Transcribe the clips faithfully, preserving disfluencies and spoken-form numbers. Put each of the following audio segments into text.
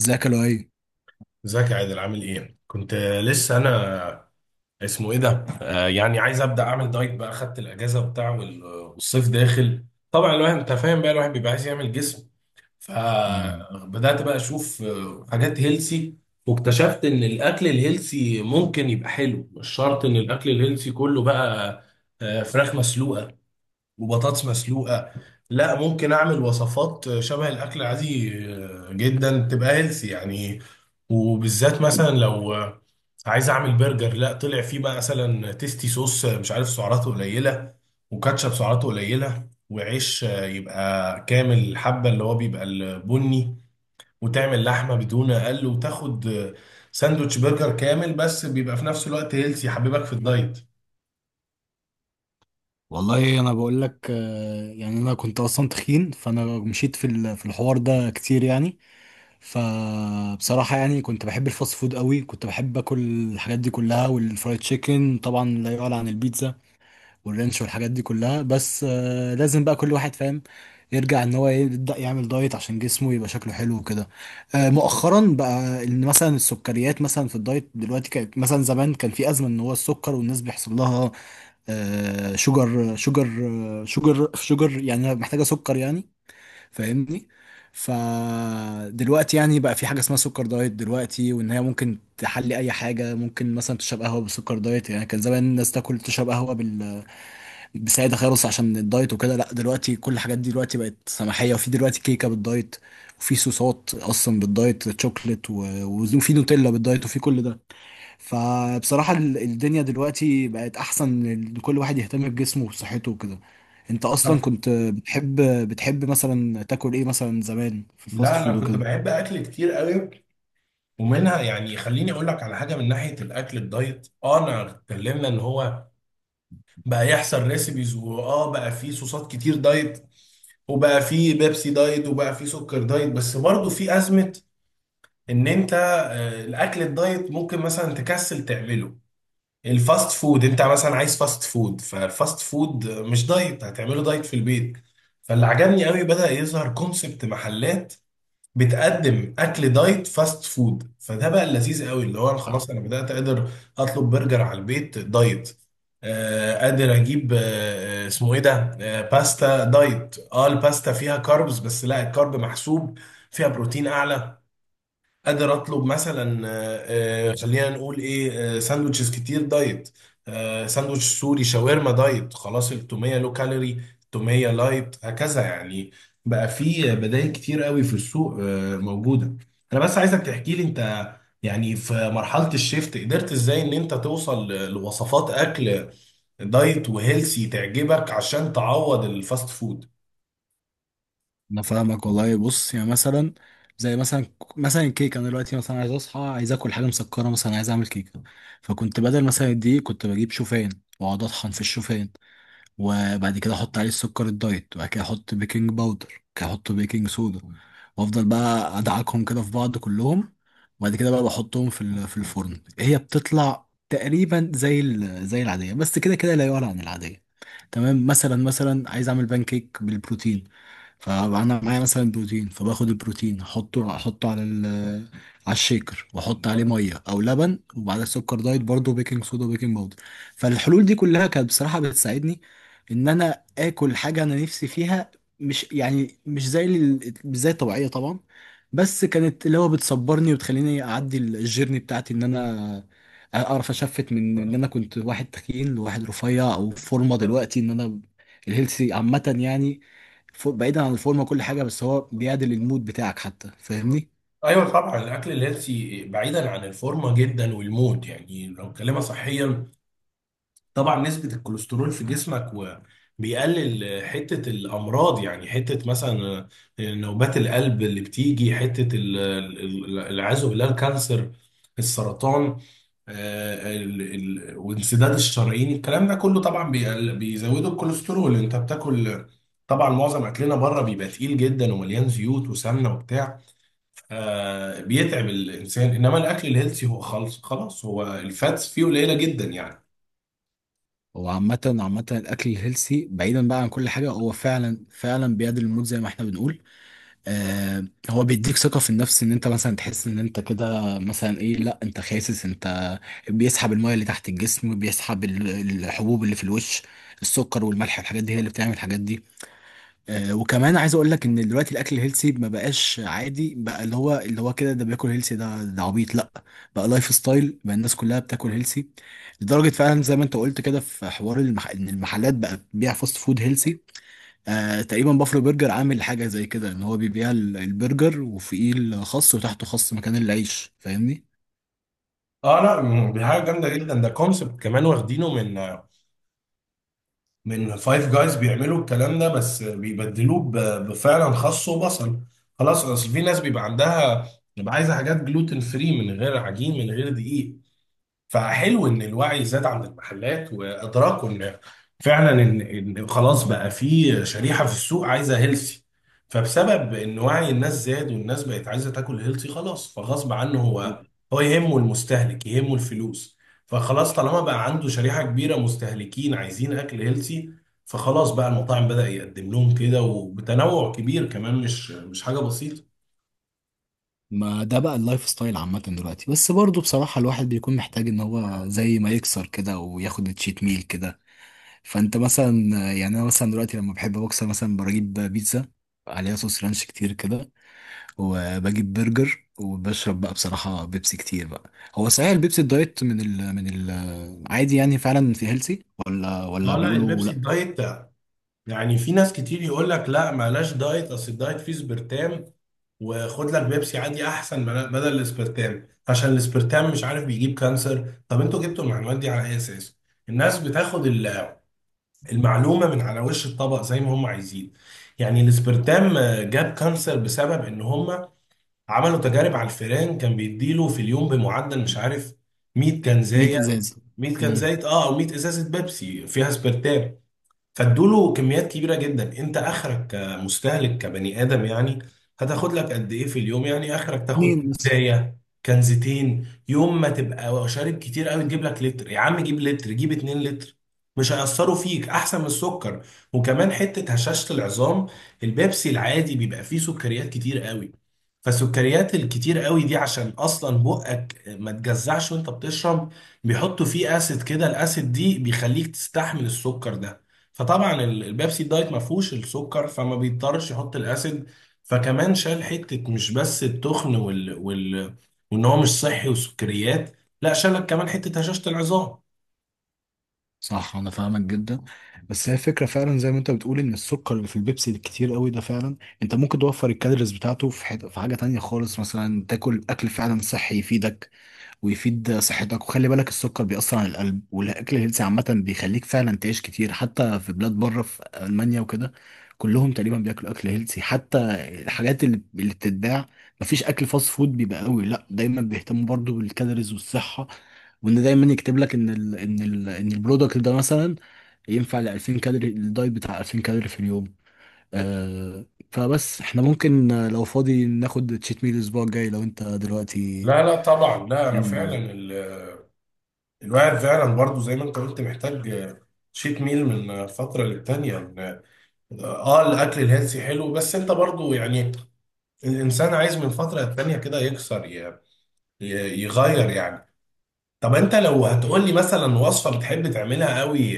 ازيك يا لؤي؟ ازيك يا عادل؟ عامل ايه؟ كنت لسه انا اسمه ايه ده؟ آه يعني عايز ابدا اعمل دايت بقى. خدت الاجازه وبتاع، وال- والصيف داخل. طبعا الواحد انت فاهم بقى، الواحد بيبقى عايز يعمل جسم. امم. فبدات بقى اشوف، آه، حاجات هيلسي. واكتشفت ان الاكل الهيلسي ممكن يبقى حلو، مش شرط ان الاكل الهيلسي كله بقى آه، فراخ مسلوقه وبطاطس مسلوقة. لا، ممكن اعمل وصفات شبه الاكل العادي جدا تبقى هيلثي يعني. وبالذات مثلا لو عايز اعمل برجر، لا، طلع فيه بقى مثلا تيستي صوص مش عارف سعراته قليلة، وكاتشب سعراته قليلة، وعيش يبقى كامل الحبة اللي هو بيبقى البني، وتعمل لحمة بدون اقل، وتاخد ساندوتش برجر كامل بس بيبقى في نفس الوقت هيلثي، يحببك في الدايت. والله انا بقول لك، آه، يعني انا كنت اصلا تخين، فانا مشيت في ال- في الحوار ده كتير يعني. فبصراحه يعني كنت بحب الفاست فود قوي، كنت بحب اكل الحاجات دي كلها، والفرايد تشيكن طبعا لا يعلى عن البيتزا والرنش والحاجات دي كلها. بس آه، لازم بقى كل واحد فاهم يرجع ان هو يبدا يعمل دايت عشان جسمه يبقى شكله حلو وكده. آه، مؤخرا بقى ان مثلا السكريات مثلا في الدايت دلوقتي، كانت مثلا زمان كان في ازمه ان هو السكر والناس بيحصل لها آه، شوجر شوجر. شوجر شوجر يعني محتاجه سكر يعني، فاهمني؟ فدلوقتي يعني بقى في حاجه اسمها سكر دايت دلوقتي، وان هي ممكن تحلي اي حاجه، ممكن مثلا تشرب قهوه بسكر دايت. يعني كان زمان الناس تاكل تشرب قهوه سعيدة خالص عشان الدايت وكده، لا دلوقتي كل الحاجات دي دلوقتي بقت سماحية، وفي دلوقتي كيكة بالدايت، وفي صوصات أصلا بالدايت تشوكلت و- وفي نوتيلا بالدايت وفي كل ده. فبصراحة ال- الدنيا دلوقتي بقت أحسن لكل واحد يهتم بجسمه وبصحته وكده. أنت أصلا كنت بتحب بتحب مثلا تاكل إيه مثلا زمان في الفاست لا، فود انا كنت وكده؟ بحب اكل كتير قوي. ومنها يعني خليني اقول لك على حاجه من ناحيه الاكل الدايت، اه، انا اتكلمنا ان هو بقى يحصل ريسيبيز، واه بقى في صوصات كتير دايت، وبقى في بيبسي دايت، وبقى في سكر دايت. بس برضه في ازمه ان انت آه، الاكل الدايت ممكن مثلا تكسل تعمله. الفاست فود انت مثلا عايز فاست فود، فالفاست فود مش دايت، هتعمله دايت في البيت. فاللي عجبني قوي بدأ يظهر كونسبت محلات بتقدم اكل دايت فاست فود. فده بقى اللذيذ قوي، اللي هو انا خلاص انا بدات قادر اطلب برجر على البيت دايت. آه، قادر اجيب آه آه، اسمه ايه ده، آه، باستا دايت. اه الباستا فيها كاربز بس لا، الكارب محسوب، فيها بروتين اعلى. قادر اطلب مثلا آه، آه، خلينا نقول ايه، آه، ساندوتشز كتير دايت. آه، ساندوتش، سوري، شاورما دايت خلاص، التوميه لو كالوري، التوميه لايت، هكذا يعني. بقى في بدائل كتير قوي في السوق، آه، موجوده. انا بس عايزك تحكي لي انت يعني في مرحله الشيفت قدرت ازاي ان انت توصل ل- لوصفات اكل دايت وهيلسي تعجبك عشان تعوض الفاست فود. انا فاهمك والله. بص يعني مثلا، زي مثلا، مثلا الكيك، انا دلوقتي مثلا عايز اصحى عايز اكل حاجه مسكره، مثلا عايز اعمل كيكه، فكنت بدل مثلا دي كنت بجيب شوفان واقعد اطحن في الشوفان، وبعد كده احط عليه السكر الدايت، وبعد كده احط بيكنج باودر، وبعد كده احط بيكنج صودا، وافضل بقى ادعكهم كده في بعض كلهم، وبعد كده بقى بحطهم في ال- في الفرن. هي بتطلع تقريبا زي ال- زي العاديه، بس كده كده لا يعلى عن العاديه. تمام، مثلا مثلا عايز اعمل بان كيك بالبروتين، فانا معايا مثلا بروتين، فباخد البروتين احطه احطه على ال على الشيكر واحط عليه ميه او لبن، وبعدها سكر دايت برضه، بيكنج صودا وبيكنج باودر. فالحلول دي كلها كانت بصراحه بتساعدني ان انا اكل حاجه انا نفسي فيها، مش يعني مش زي ال- مش زي الطبيعيه طبعا، بس كانت اللي هو بتصبرني وتخليني اعدي ال- الجيرني بتاعتي ان انا اعرف اشفت من ان انا كنت واحد تخين لواحد رفيع او فورمه دلوقتي، ان انا الهيلثي عامه يعني. فوق- بعيدا عن الفورمه وكل حاجه، بس هو بيعدل المود بتاعك حتى، فاهمني؟ ايوه طبعا، الاكل الهيلثي بعيدا عن الفورمه جدا، والمود يعني لو كلمه صحيا، طبعا نسبة الكوليسترول في جسمك، وبيقلل حتة الأمراض. يعني حتة مثلا نوبات القلب اللي بتيجي، حتة ال- ال- العياذ بالله الكانسر، السرطان، آه، ال- ال- وانسداد الشرايين. الكلام ده كله طبعا بيقل- بيزودوا الكوليسترول انت بتاكل. طبعا معظم اكلنا بره بيبقى تقيل جدا، ومليان زيوت وسمنه وبتاع، آه، بيتعب الانسان. انما الاكل الهيلثي هو خالص خلاص هو الفاتس فيه قليله جدا يعني. هو عامه عامه الاكل الهيلسي بعيدا بقى عن كل حاجه، هو فعلا فعلا بيعدل المود زي ما احنا بنقول. آه. هو بيديك ثقه في النفس، ان انت مثلا تحس ان انت كده مثلا ايه، لا انت خاسس. انت بيسحب الميه اللي تحت الجسم، بيسحب ال- الحبوب اللي في الوش. السكر والملح الحاجات دي هي اللي بتعمل الحاجات دي. آه، وكمان عايز اقول لك ان دلوقتي الاكل الهيلثي ما بقاش عادي بقى، اللي هو اللي هو كده ده بياكل هيلثي، ده ده عبيط، لا. بقى لايف ستايل، بقى الناس كلها بتاكل هيلثي. لدرجه فعلا زي ما انت قلت كده، في حوار المح... ان المحلات بقى بتبيع فاست فود هيلثي. آه تقريبا بافلو برجر عامل حاجه زي كده ان هو بيبيع ال- البرجر وفوقيه الخس وتحته خس مكان العيش، فاهمني؟ اه لا، م- دي حاجه جامده جدا. ده كونسبت كمان واخدينه من من فايف جايز، بيعملوا الكلام ده بس بيبدلوه ب- بفعلا خس وبصل خلاص. اصل في ناس بيبقى عندها، بيبقى عايزه حاجات جلوتين فري، من غير عجين، من غير دقيق. فحلو ان الوعي زاد عند المحلات وادراكوا ان فعلا ان إن خلاص بقى في شريحه في السوق عايزه هيلثي. فبسبب ان وعي الناس زاد والناس بقت عايزه تاكل هيلثي خلاص، فغصب عنه هو، هو يهمه المستهلك يهمه الفلوس. فخلاص طالما بقى عنده شريحه كبيره مستهلكين عايزين اكل هيلثي، فخلاص بقى المطاعم بدأ يقدم لهم كده، وبتنوع كبير كمان، مش مش حاجه بسيطه. ما ده بقى اللايف ستايل عامة دلوقتي، بس برضه بصراحة الواحد بيكون محتاج ان هو زي ما يكسر كده وياخد تشيت ميل كده. فانت مثلا، يعني انا مثلا دلوقتي لما بحب بوكس مثلا بجيب بيتزا عليها صوص رانش كتير كده، وبجيب برجر، وبشرب بقى بصراحة بيبسي كتير بقى. هو صحيح البيبسي الدايت من ال من ال عادي يعني فعلا في هيلسي؟ ولا ولا اه لا، بيقولوا البيبسي لا؟ الدايت، يعني في ناس كتير يقول لك لا معلاش دايت، اصل الدايت فيه سبرتام، وخد لك بيبسي عادي احسن بلا- بدل الاسبرتام، عشان الاسبرتام مش عارف بيجيب كانسر. طب انتوا جبتوا المعلومات دي على اي اساس؟ الناس بتاخد ال- المعلومه من على وش الطبق زي ما هم عايزين. يعني الاسبرتام، آه، جاب كانسر بسبب ان هم عملوا تجارب على الفئران، كان بيديله في اليوم بمعدل مش عارف مية ميه كنزايه. ازاز. مية امم. كنزايه اه، او مية ازازه بيبسي فيها اسبرتام. فادوله كميات كبيره جدا. انت اخرك كمستهلك كبني ادم يعني هتاخد لك قد ايه في اليوم؟ يعني اخرك تاخد اتنين بس. كنزايه، كنزتين، يوم ما تبقى شارب كتير قوي تجيب لك لتر، يا عم جيب لتر، جيب اتنين لتر، مش هيأثروا فيك احسن من السكر. وكمان حته هشاشه العظام، البيبسي العادي بيبقى فيه سكريات كتير قوي. فالسكريات الكتير قوي دي عشان اصلا بقك ما تجزعش وانت بتشرب، بيحطوا فيه اسيد كده، الاسيد دي بيخليك تستحمل السكر ده. فطبعا ال- البيبسي الدايت ما فيهوش السكر، فما بيضطرش يحط الاسيد. فكمان شال حته مش بس التخن وال... وال... وان هو مش صحي وسكريات، لا، شالك كمان حته هشاشه العظام. صح، انا فاهمك جدا. بس هي الفكره فعلا زي ما انت بتقول، ان السكر اللي في البيبسي الكتير قوي ده فعلا انت ممكن توفر الكالوريز بتاعته في حته، في حاجه تانية خالص، مثلا تاكل اكل فعلا صحي يفيدك ويفيد صحتك. وخلي بالك السكر بيأثر على القلب، والأكل الهيلثي عامة بيخليك فعلا تعيش كتير. حتى في بلاد بره في ألمانيا وكده كلهم تقريبا بياكلوا أكل هيلثي. حتى الحاجات اللي اللي بتتباع، مفيش أكل فاست فود بيبقى قوي. لا دايما بيهتموا برضو بالكالوريز والصحة، وإن دايما يكتب لك إن ال إن ال إن البرودكت ده مثلا ينفع ل ألفين كالوري، الدايت بتاع ألفين كالوري في اليوم. آه. فبس احنا ممكن آه، لو فاضي ناخد تشيت ميل الأسبوع الجاي لو أنت دلوقتي. لا لا طبعا، لا، انا فعلا يلا. ال... الواحد فعلا برضو زي ما انت قلت محتاج شيت ميل من فتره للتانيه إن- اه. آه، الاكل الهيلثي حلو، بس انت برضو يعني الانسان عايز من فتره للتانيه كده يكسر، ي... ي- يغير يعني. طب انت لو هتقول لي مثلا وصفه بتحب تعملها قوي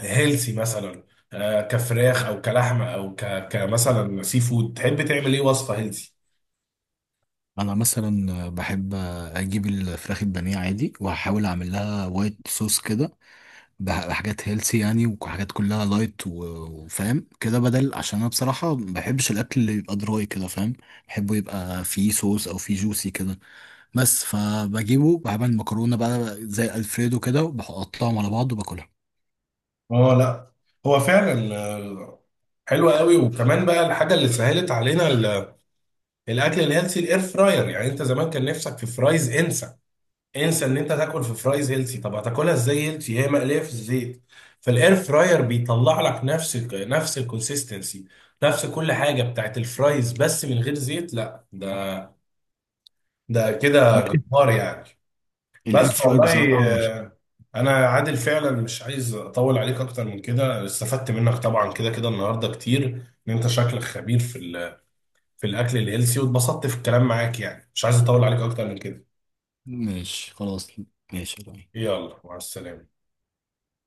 هيلسي، مثلا آه، كفراخ او كلحمه او ك... كمثلا سي فود، تحب تعمل ايه وصفه هيلسي؟ انا مثلا بحب اجيب الفراخ البانيه عادي واحاول اعمل لها وايت صوص كده، بح- بحاجات هيلسي يعني، وحاجات كلها لايت و- وفاهم كده بدل، عشان انا بصراحه ما بحبش الاكل اللي يبقى دراي كده، فاهم؟ بحبه يبقى فيه صوص او فيه جوسي كده. بس فبجيبه بعمل مكرونه بقى زي الفريدو كده وبحطهم على بعض وباكلها. اه لا، هو فعلا آه، حلوه قوي. وكمان بقى الحاجه اللي سهلت علينا ال- الاكل الهيلسي الاير فراير. يعني انت زمان كان نفسك في فرايز، انسى، انسى ان انت تاكل في فرايز هيلثي. طب هتاكلها ازاي هيلثي؟ هي مقليه في الزيت. فالاير فراير بيطلع لك نفس ال- نفس الكونسيستنسي، نفس كل حاجه بتاعت الفرايز بس من غير زيت. لا ده، ده كده جبار يعني. والاير بس فراير والله بصراحه... آه، انا عادل فعلا مش عايز اطول عليك اكتر من كده. استفدت منك طبعا كده كده النهارده كتير، ان انت شكلك خبير في ال- في الاكل الهيلثي، واتبسطت في الكلام معاك يعني. مش عايز اطول عليك اكتر من كده. ماشي، خلاص. ماشي. يلا مع السلامه.